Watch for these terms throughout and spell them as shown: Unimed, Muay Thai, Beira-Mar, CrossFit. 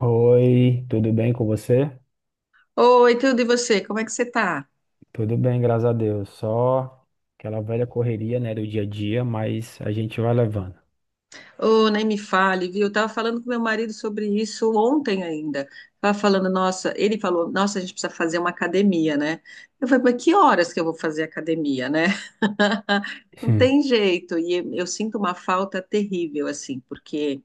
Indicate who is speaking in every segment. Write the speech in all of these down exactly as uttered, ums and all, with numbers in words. Speaker 1: Oi, tudo bem com você?
Speaker 2: Oi, tudo e você? Como é que você tá?
Speaker 1: Tudo bem, graças a Deus. Só aquela velha correria, né, do dia a dia, mas a gente vai levando.
Speaker 2: Ô, nem me fale, viu? Eu tava falando com meu marido sobre isso ontem ainda. Tava falando, nossa, ele falou, nossa, a gente precisa fazer uma academia, né? Eu falei, mas que horas que eu vou fazer academia, né? Não
Speaker 1: Sim,
Speaker 2: tem jeito. E eu sinto uma falta terrível, assim, porque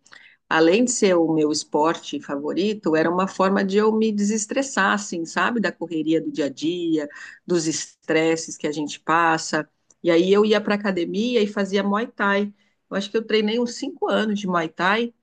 Speaker 2: além de ser o meu esporte favorito, era uma forma de eu me desestressar, assim, sabe? Da correria do dia a dia, dos estresses que a gente passa. E aí eu ia para academia e fazia Muay Thai. Eu acho que eu treinei uns cinco anos de Muay Thai.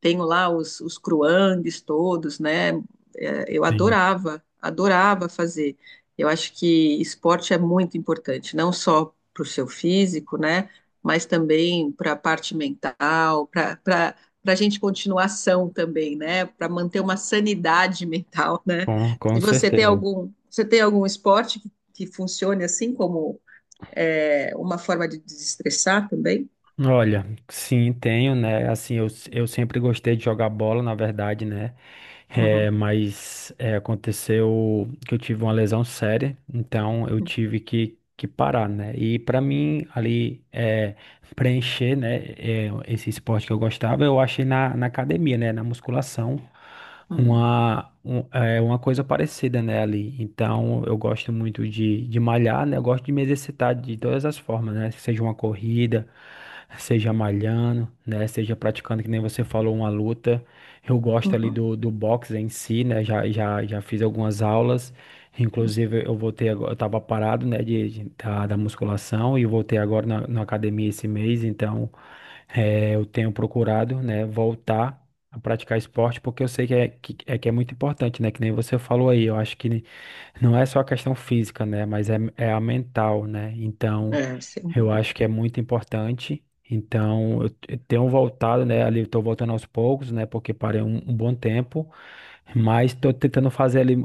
Speaker 2: Tenho lá os, os cruangues todos, né? É, eu
Speaker 1: sim,
Speaker 2: adorava, adorava fazer. Eu acho que esporte é muito importante, não só para o seu físico, né? Mas também para a parte mental, para para para a gente continuar são também, né? Para manter uma sanidade mental, né?
Speaker 1: com,
Speaker 2: E
Speaker 1: com
Speaker 2: você tem
Speaker 1: certeza.
Speaker 2: algum, você tem algum esporte que, que funcione assim como é, uma forma de desestressar também?
Speaker 1: Olha, sim, tenho, né? Assim, eu, eu sempre gostei de jogar bola, na verdade, né? É,
Speaker 2: Uhum,
Speaker 1: mas é, aconteceu que eu tive uma lesão séria, então eu tive que, que parar, né? E pra mim, ali, é preencher, né, é, esse esporte que eu gostava, eu achei na, na academia, né, na musculação,
Speaker 2: uhum,
Speaker 1: uma, um- é, uma coisa parecida, né, ali. Então, eu gosto muito de, de malhar, né, eu gosto de me exercitar de todas as formas, né, seja uma corrida, seja malhando, né, seja praticando, que nem você falou, uma luta. Eu gosto ali
Speaker 2: uhum.
Speaker 1: do, do boxe em si, né, já, já, já fiz algumas aulas. Inclusive, eu voltei agora, eu tava parado, né, de, de- da, da musculação e voltei agora na, na academia esse mês, então eh, eu tenho procurado, né, voltar a praticar esporte, porque eu sei que é, que, é que é muito importante, né, que nem você falou aí, eu acho que não é só a questão física, né, mas é, é a mental, né, então
Speaker 2: É, sem
Speaker 1: eu
Speaker 2: dúvida.
Speaker 1: acho que é muito importante, então eu, eu tenho voltado, né, ali eu tô voltando aos poucos, né, porque parei um um bom tempo, mas tô tentando fazer ali,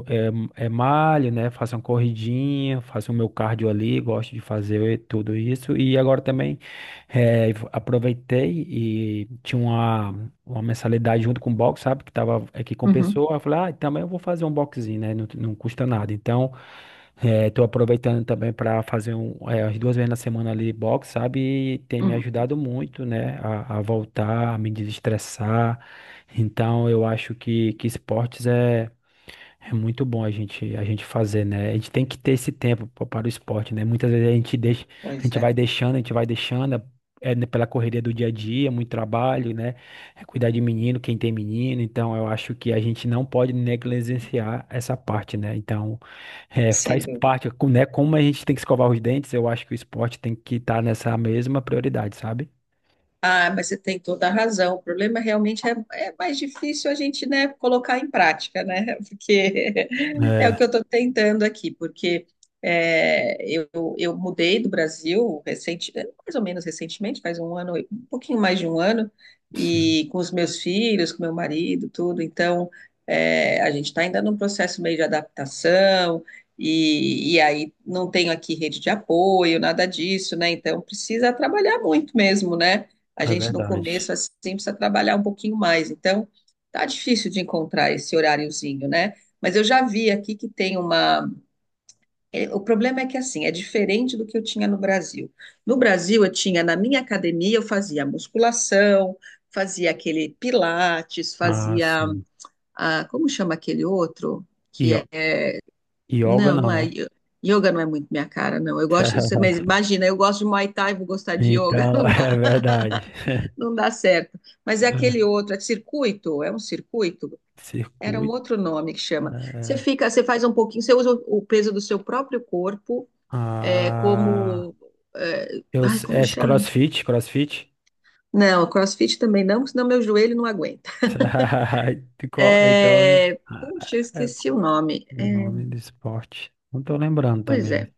Speaker 1: é, é malho, né? Faço uma corridinha, faço o meu cardio ali, gosto de fazer tudo isso. E agora também eh, aproveitei e tinha uma, uma mensalidade junto com o box, sabe? Que tava aqui com
Speaker 2: Uhum,
Speaker 1: pessoa. Eu falei, ah, também eu vou fazer um boxinho, né? Não, não custa nada. Então, estou aproveitando também para fazer um, eh, as duas vezes na semana ali box, sabe? E tem me
Speaker 2: uhum.
Speaker 1: ajudado muito, né? A, a voltar, a me desestressar. Então, eu acho que, que esportes é, é muito bom a gente, a gente fazer, né? A gente tem que ter esse tempo pa- para o esporte, né? Muitas vezes a gente deixa, a
Speaker 2: Pois
Speaker 1: gente vai
Speaker 2: é,
Speaker 1: deixando, a gente vai deixando, é, né, pela correria do dia a dia, muito trabalho, né? É cuidar de menino, quem tem menino. Então, eu acho que a gente não pode negligenciar essa parte, né? Então, é,
Speaker 2: sem
Speaker 1: faz
Speaker 2: dúvida.
Speaker 1: parte, com- né? Como a gente tem que escovar os dentes, eu acho que o esporte tem que estar nessa mesma prioridade, sabe?
Speaker 2: Ah, mas você tem toda a razão. O problema realmente é, é mais difícil a gente, né, colocar em prática, né? Porque é o
Speaker 1: É,
Speaker 2: que eu estou tentando aqui, porque é, eu, eu mudei do Brasil recente, mais ou menos recentemente, faz um ano, um pouquinho mais de um ano,
Speaker 1: sim.
Speaker 2: e com os meus filhos, com meu marido, tudo. Então, é, a gente está ainda num processo meio de adaptação. E, e aí não tenho aqui rede de apoio, nada disso, né? Então precisa trabalhar muito mesmo, né? A
Speaker 1: É
Speaker 2: gente no
Speaker 1: verdade.
Speaker 2: começo assim precisa trabalhar um pouquinho mais. Então, tá difícil de encontrar esse horáriozinho, né? Mas eu já vi aqui que tem uma. é, O problema é que assim, é diferente do que eu tinha no Brasil. No Brasil, eu tinha, na minha academia, eu fazia musculação, fazia aquele pilates,
Speaker 1: Ah,
Speaker 2: fazia.
Speaker 1: sim.
Speaker 2: Ah, como chama aquele outro?
Speaker 1: E Yo-
Speaker 2: Que é.
Speaker 1: yoga
Speaker 2: Não,
Speaker 1: não,
Speaker 2: não é.
Speaker 1: né?
Speaker 2: yo- Yoga não é muito minha cara, não. Eu gosto. Mas imagina, eu gosto de Muay Thai, vou gostar de yoga,
Speaker 1: Então,
Speaker 2: não
Speaker 1: é
Speaker 2: dá
Speaker 1: verdade.
Speaker 2: não dá certo. Mas é aquele outro, é circuito? É um circuito? Era um
Speaker 1: Circuito.
Speaker 2: outro nome que chama. Você
Speaker 1: é,
Speaker 2: fica, você faz um pouquinho, você usa o peso do seu próprio corpo, é
Speaker 1: ah,
Speaker 2: como. É,
Speaker 1: eu,
Speaker 2: ai,
Speaker 1: s-
Speaker 2: como
Speaker 1: é
Speaker 2: chama?
Speaker 1: CrossFit, CrossFit.
Speaker 2: Não, CrossFit também não, senão meu joelho não aguenta.
Speaker 1: qual- Então,
Speaker 2: É, puxa, eu
Speaker 1: é,
Speaker 2: esqueci o
Speaker 1: qual é
Speaker 2: nome.
Speaker 1: o
Speaker 2: É,
Speaker 1: nome do esporte. Não tô lembrando
Speaker 2: pois
Speaker 1: também.
Speaker 2: é.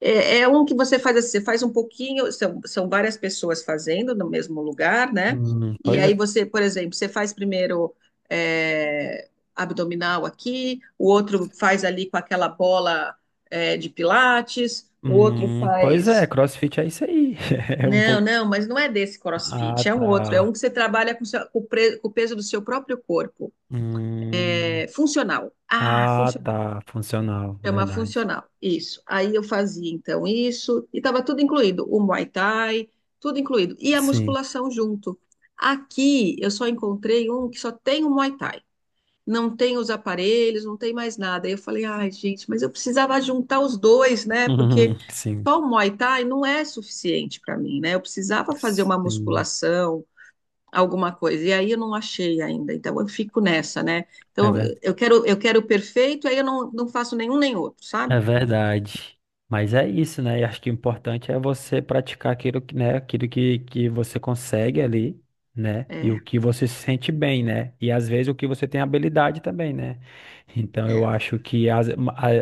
Speaker 2: É, é um que você faz assim, você faz um pouquinho, são, são várias pessoas fazendo no mesmo lugar, né?
Speaker 1: Hum,
Speaker 2: E
Speaker 1: pois
Speaker 2: aí
Speaker 1: é.
Speaker 2: você, por exemplo, você faz primeiro é, abdominal aqui, o outro faz ali com aquela bola é, de pilates, o outro
Speaker 1: Hum, pois é,
Speaker 2: faz.
Speaker 1: CrossFit é isso aí. É um
Speaker 2: Não,
Speaker 1: pouco.
Speaker 2: não, mas não é desse
Speaker 1: Ah,
Speaker 2: CrossFit, é um outro, é
Speaker 1: tá.
Speaker 2: um que você trabalha com, o seu- com o pre- com o peso do seu próprio corpo.
Speaker 1: Hum,
Speaker 2: É funcional. Ah,
Speaker 1: ah,
Speaker 2: funcional.
Speaker 1: tá. Funcional,
Speaker 2: Chama
Speaker 1: verdade.
Speaker 2: funcional, isso. Aí eu fazia então isso, e estava tudo incluído, o Muay Thai, tudo incluído, e a
Speaker 1: Sim.
Speaker 2: musculação junto. Aqui eu só encontrei um que só tem o Muay Thai, não tem os aparelhos, não tem mais nada. Aí eu falei, ai gente, mas eu precisava juntar os dois, né? Porque
Speaker 1: Sim.
Speaker 2: só o Muay Thai não é suficiente para mim, né? Eu precisava fazer uma
Speaker 1: Sim,
Speaker 2: musculação, alguma coisa, e aí eu não achei ainda, então eu fico nessa, né?
Speaker 1: é,
Speaker 2: Então
Speaker 1: ver-
Speaker 2: eu eu quero, eu quero o perfeito, aí eu não, não faço nenhum nem outro, sabe?
Speaker 1: é verdade. Mas é isso, né? E acho que o importante é você praticar aquilo que, né, aquilo que, que você consegue ali, né? E
Speaker 2: É,
Speaker 1: o que você se sente bem, né? E às vezes o que você tem habilidade também, né? Então eu
Speaker 2: é,
Speaker 1: acho que às, a-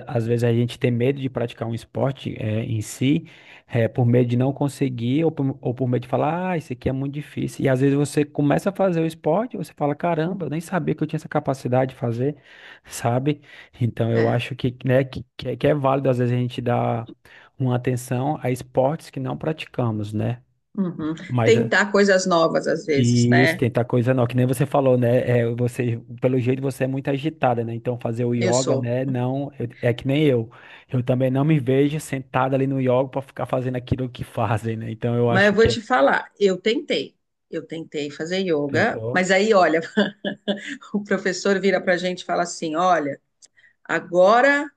Speaker 1: às vezes a gente tem medo de praticar um esporte é, em si, é, por medo de não conseguir, ou por, ou por medo de falar, ah, isso aqui é muito difícil. E às vezes você começa a fazer o esporte, você fala, caramba, eu nem sabia que eu tinha essa capacidade de fazer. Sabe? Então, eu
Speaker 2: é.
Speaker 1: acho que, né, que, que é que é válido às vezes a gente dar uma atenção a esportes que não praticamos, né?
Speaker 2: Uhum.
Speaker 1: Mas é,
Speaker 2: Tentar coisas novas às vezes,
Speaker 1: e isso,
Speaker 2: né?
Speaker 1: tentar coisa não que nem você falou, né? É, você, pelo jeito você é muito agitada, né? Então fazer o
Speaker 2: Eu
Speaker 1: yoga,
Speaker 2: sou.
Speaker 1: né? Não, eu- é que nem eu. Eu também não me vejo sentada ali no yoga para ficar fazendo aquilo que fazem, né? Então eu
Speaker 2: Mas eu
Speaker 1: acho
Speaker 2: vou
Speaker 1: que é
Speaker 2: te falar, eu tentei. Eu tentei fazer yoga,
Speaker 1: tentou.
Speaker 2: mas aí, olha, o professor vira pra gente e fala assim: olha, agora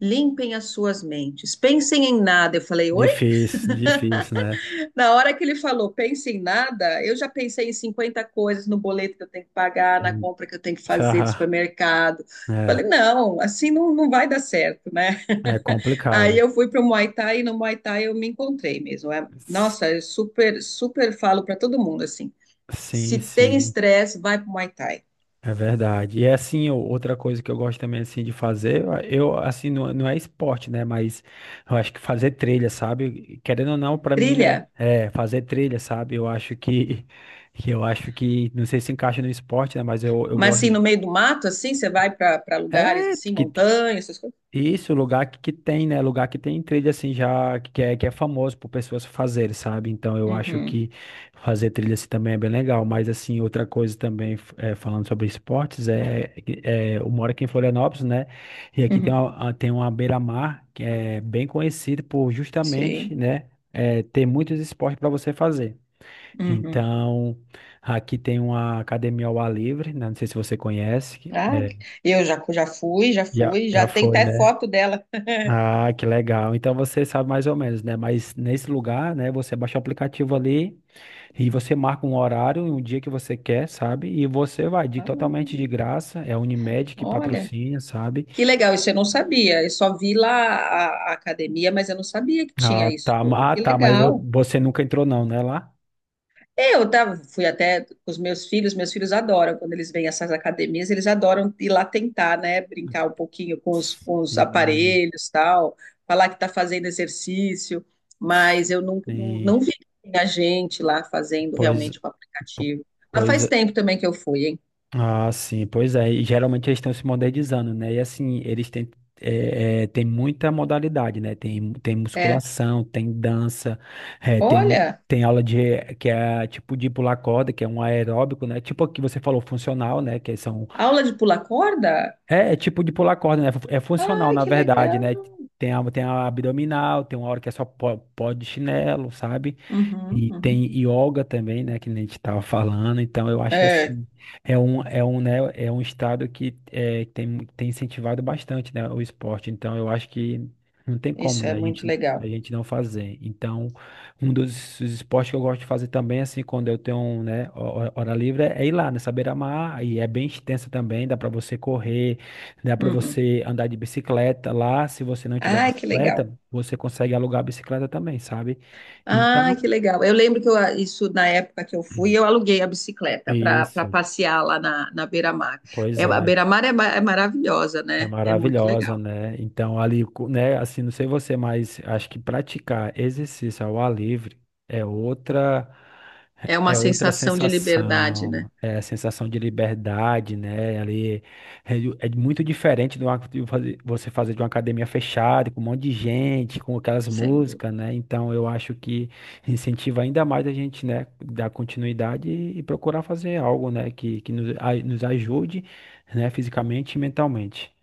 Speaker 2: limpem as suas mentes, pensem em nada. Eu falei, oi?
Speaker 1: Difícil, difícil, né?
Speaker 2: Na hora que ele falou, pense em nada, eu já pensei em cinquenta coisas no boleto que eu tenho que pagar, na
Speaker 1: Hum,
Speaker 2: compra que eu tenho que fazer do
Speaker 1: tá.
Speaker 2: supermercado.
Speaker 1: É,
Speaker 2: Falei, não, assim não, não vai dar certo, né?
Speaker 1: é
Speaker 2: Aí
Speaker 1: complicado.
Speaker 2: eu fui para o Muay Thai e no Muay Thai eu me encontrei mesmo. É-
Speaker 1: S-
Speaker 2: nossa, eu super, super falo para todo mundo assim:
Speaker 1: Sim,
Speaker 2: se tem
Speaker 1: sim.
Speaker 2: estresse, vai para o Muay Thai.
Speaker 1: É verdade. E é, assim, o- outra coisa que eu gosto também assim de fazer, eu assim não, não é esporte, né, mas eu acho que fazer trilha, sabe? Querendo ou não, pra mim, né,
Speaker 2: Trilha,
Speaker 1: é fazer trilha, sabe? Eu acho que que eu acho que não sei se encaixa no esporte, né, mas eu, eu
Speaker 2: mas
Speaker 1: gosto
Speaker 2: assim,
Speaker 1: de,
Speaker 2: no meio do mato, assim, você vai para lugares
Speaker 1: é
Speaker 2: assim,
Speaker 1: que
Speaker 2: montanhas, essas coisas.
Speaker 1: isso, lugar que, que tem, né? Lugar que tem trilha assim já que é, que é famoso por pessoas fazerem, sabe? Então eu acho
Speaker 2: Uhum,
Speaker 1: que fazer trilha assim também é bem legal. Mas assim, outra coisa também, f- eh, falando sobre esportes, é, que- é eu moro aqui em Florianópolis, né? E aqui tem
Speaker 2: uhum,
Speaker 1: uma, a- tem uma beira-mar que é bem conhecida por justamente,
Speaker 2: sim.
Speaker 1: né? eh, ter muitos esportes para você fazer.
Speaker 2: Uhum.
Speaker 1: Então, aqui tem uma academia ao ar livre, né? Não sei se você conhece. que-
Speaker 2: Ah,
Speaker 1: É.
Speaker 2: eu já, já fui, já
Speaker 1: Já,
Speaker 2: fui, já
Speaker 1: já
Speaker 2: tenho
Speaker 1: foi,
Speaker 2: até
Speaker 1: né?
Speaker 2: foto dela.
Speaker 1: Ah, que legal. Então você sabe mais ou menos, né? Mas nesse lugar, né, você baixa o aplicativo ali e você marca um horário, e um dia que você quer, sabe? E você vai de
Speaker 2: Ah,
Speaker 1: totalmente de graça, é a Unimed que
Speaker 2: olha,
Speaker 1: patrocina, sabe?
Speaker 2: que legal, isso eu não sabia. Eu só vi lá a, a academia, mas eu não sabia que tinha
Speaker 1: Ah,
Speaker 2: isso
Speaker 1: tá.
Speaker 2: tudo.
Speaker 1: ma- Ah,
Speaker 2: Que
Speaker 1: tá, mas vo-
Speaker 2: legal.
Speaker 1: você nunca entrou não, né, lá?
Speaker 2: Eu tava, fui até com os meus filhos, meus filhos adoram quando eles vêm a essas academias, eles adoram ir lá tentar, né, brincar um pouquinho com os, com os
Speaker 1: Sim.
Speaker 2: aparelhos, tal, falar que tá fazendo exercício, mas eu não, não,
Speaker 1: Sim.
Speaker 2: não vi a gente lá fazendo
Speaker 1: Pois,
Speaker 2: realmente com o
Speaker 1: po-
Speaker 2: aplicativo. Mas
Speaker 1: pois.
Speaker 2: faz tempo também que eu fui, hein?
Speaker 1: Ah, sim, pois é. E geralmente eles estão se modernizando, né? E assim, eles têm, é, é, tem muita modalidade, né? Tem, tem
Speaker 2: É.
Speaker 1: musculação, tem dança, é, tem, um,
Speaker 2: Olha,
Speaker 1: tem aula de que é tipo de pular corda, que é um aeróbico, né? Tipo o que você falou, funcional, né? Que são.
Speaker 2: aula de pular corda?
Speaker 1: É, é tipo de pular corda, né? É funcional,
Speaker 2: Ai,
Speaker 1: na
Speaker 2: que
Speaker 1: verdade,
Speaker 2: legal.
Speaker 1: né? Tem a, tem a abdominal, tem uma hora que é só pó, pó de chinelo, sabe?
Speaker 2: Uhum,
Speaker 1: E
Speaker 2: uhum.
Speaker 1: tem yoga também, né, que nem a gente estava falando. Então, eu acho que
Speaker 2: É,
Speaker 1: assim, é um, é um, né, é um estado que é, tem, mu- tem incentivado bastante, né, o esporte. Então, eu acho que não tem como,
Speaker 2: isso é
Speaker 1: né, a
Speaker 2: muito
Speaker 1: gente, a
Speaker 2: legal.
Speaker 1: gente não fazer. Então, um dos dos esportes que eu gosto de fazer também, assim, quando eu tenho, né, ho- hora livre, é ir lá nessa beira-mar. E é bem extensa também, dá para você correr, dá para
Speaker 2: Uhum.
Speaker 1: você andar de bicicleta lá. Se você não tiver
Speaker 2: Ai, que legal.
Speaker 1: bicicleta, você consegue alugar a bicicleta também, sabe? Então,
Speaker 2: Ah, que legal. Eu lembro que eu, ah, isso na época que eu fui, eu aluguei a bicicleta para
Speaker 1: isso,
Speaker 2: passear lá na, na Beira-Mar.
Speaker 1: pois
Speaker 2: É, a
Speaker 1: é.
Speaker 2: Beira-Mar é, ma- é maravilhosa,
Speaker 1: É
Speaker 2: né? É muito
Speaker 1: maravilhosa,
Speaker 2: legal.
Speaker 1: né? Então, ali, co- né, assim, não sei você, mas acho que praticar exercício ao ar livre é outra
Speaker 2: É uma
Speaker 1: é outra
Speaker 2: sensação de liberdade, né?
Speaker 1: sensação, é a sensação de liberdade, né? Ali é, de- é muito diferente do ato de fazer- você fazer de uma academia fechada, com um monte de gente, com aquelas
Speaker 2: Sem
Speaker 1: músicas, né? Então, eu acho que incentiva ainda mais a gente, né, dar continuidade e, e procurar fazer algo, né, que, que nos, a- nos ajude, né, fisicamente e mentalmente.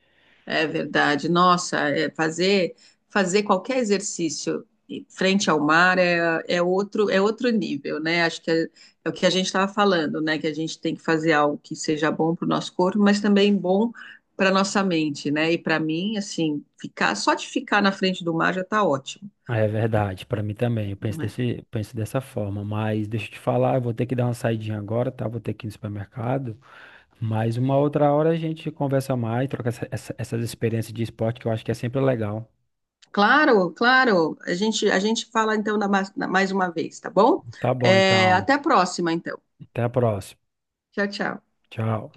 Speaker 2: É verdade. Nossa, é fazer fazer qualquer exercício frente ao mar é, é outro é outro nível, né? Acho que é, é o que a gente estava falando, né? Que a gente tem que fazer algo que seja bom para o nosso corpo, mas também bom para nossa mente, né? E para mim, assim, ficar só de ficar na frente do mar já está ótimo,
Speaker 1: É verdade, para mim também. Eu penso
Speaker 2: não é?
Speaker 1: desse, penso dessa forma. Mas deixa eu te falar, eu vou ter que dar uma saidinha agora, tá? Vou ter que ir no supermercado. Mas uma outra hora a gente conversa mais, troca essa- essa- essas experiências de esporte que eu acho que é sempre legal.
Speaker 2: Claro, claro. A gente a gente fala então na, ma- na- mais uma vez, tá bom?
Speaker 1: Tá bom,
Speaker 2: É,
Speaker 1: então.
Speaker 2: até a próxima, então.
Speaker 1: Até a próxima.
Speaker 2: Tchau, tchau.
Speaker 1: Tchau.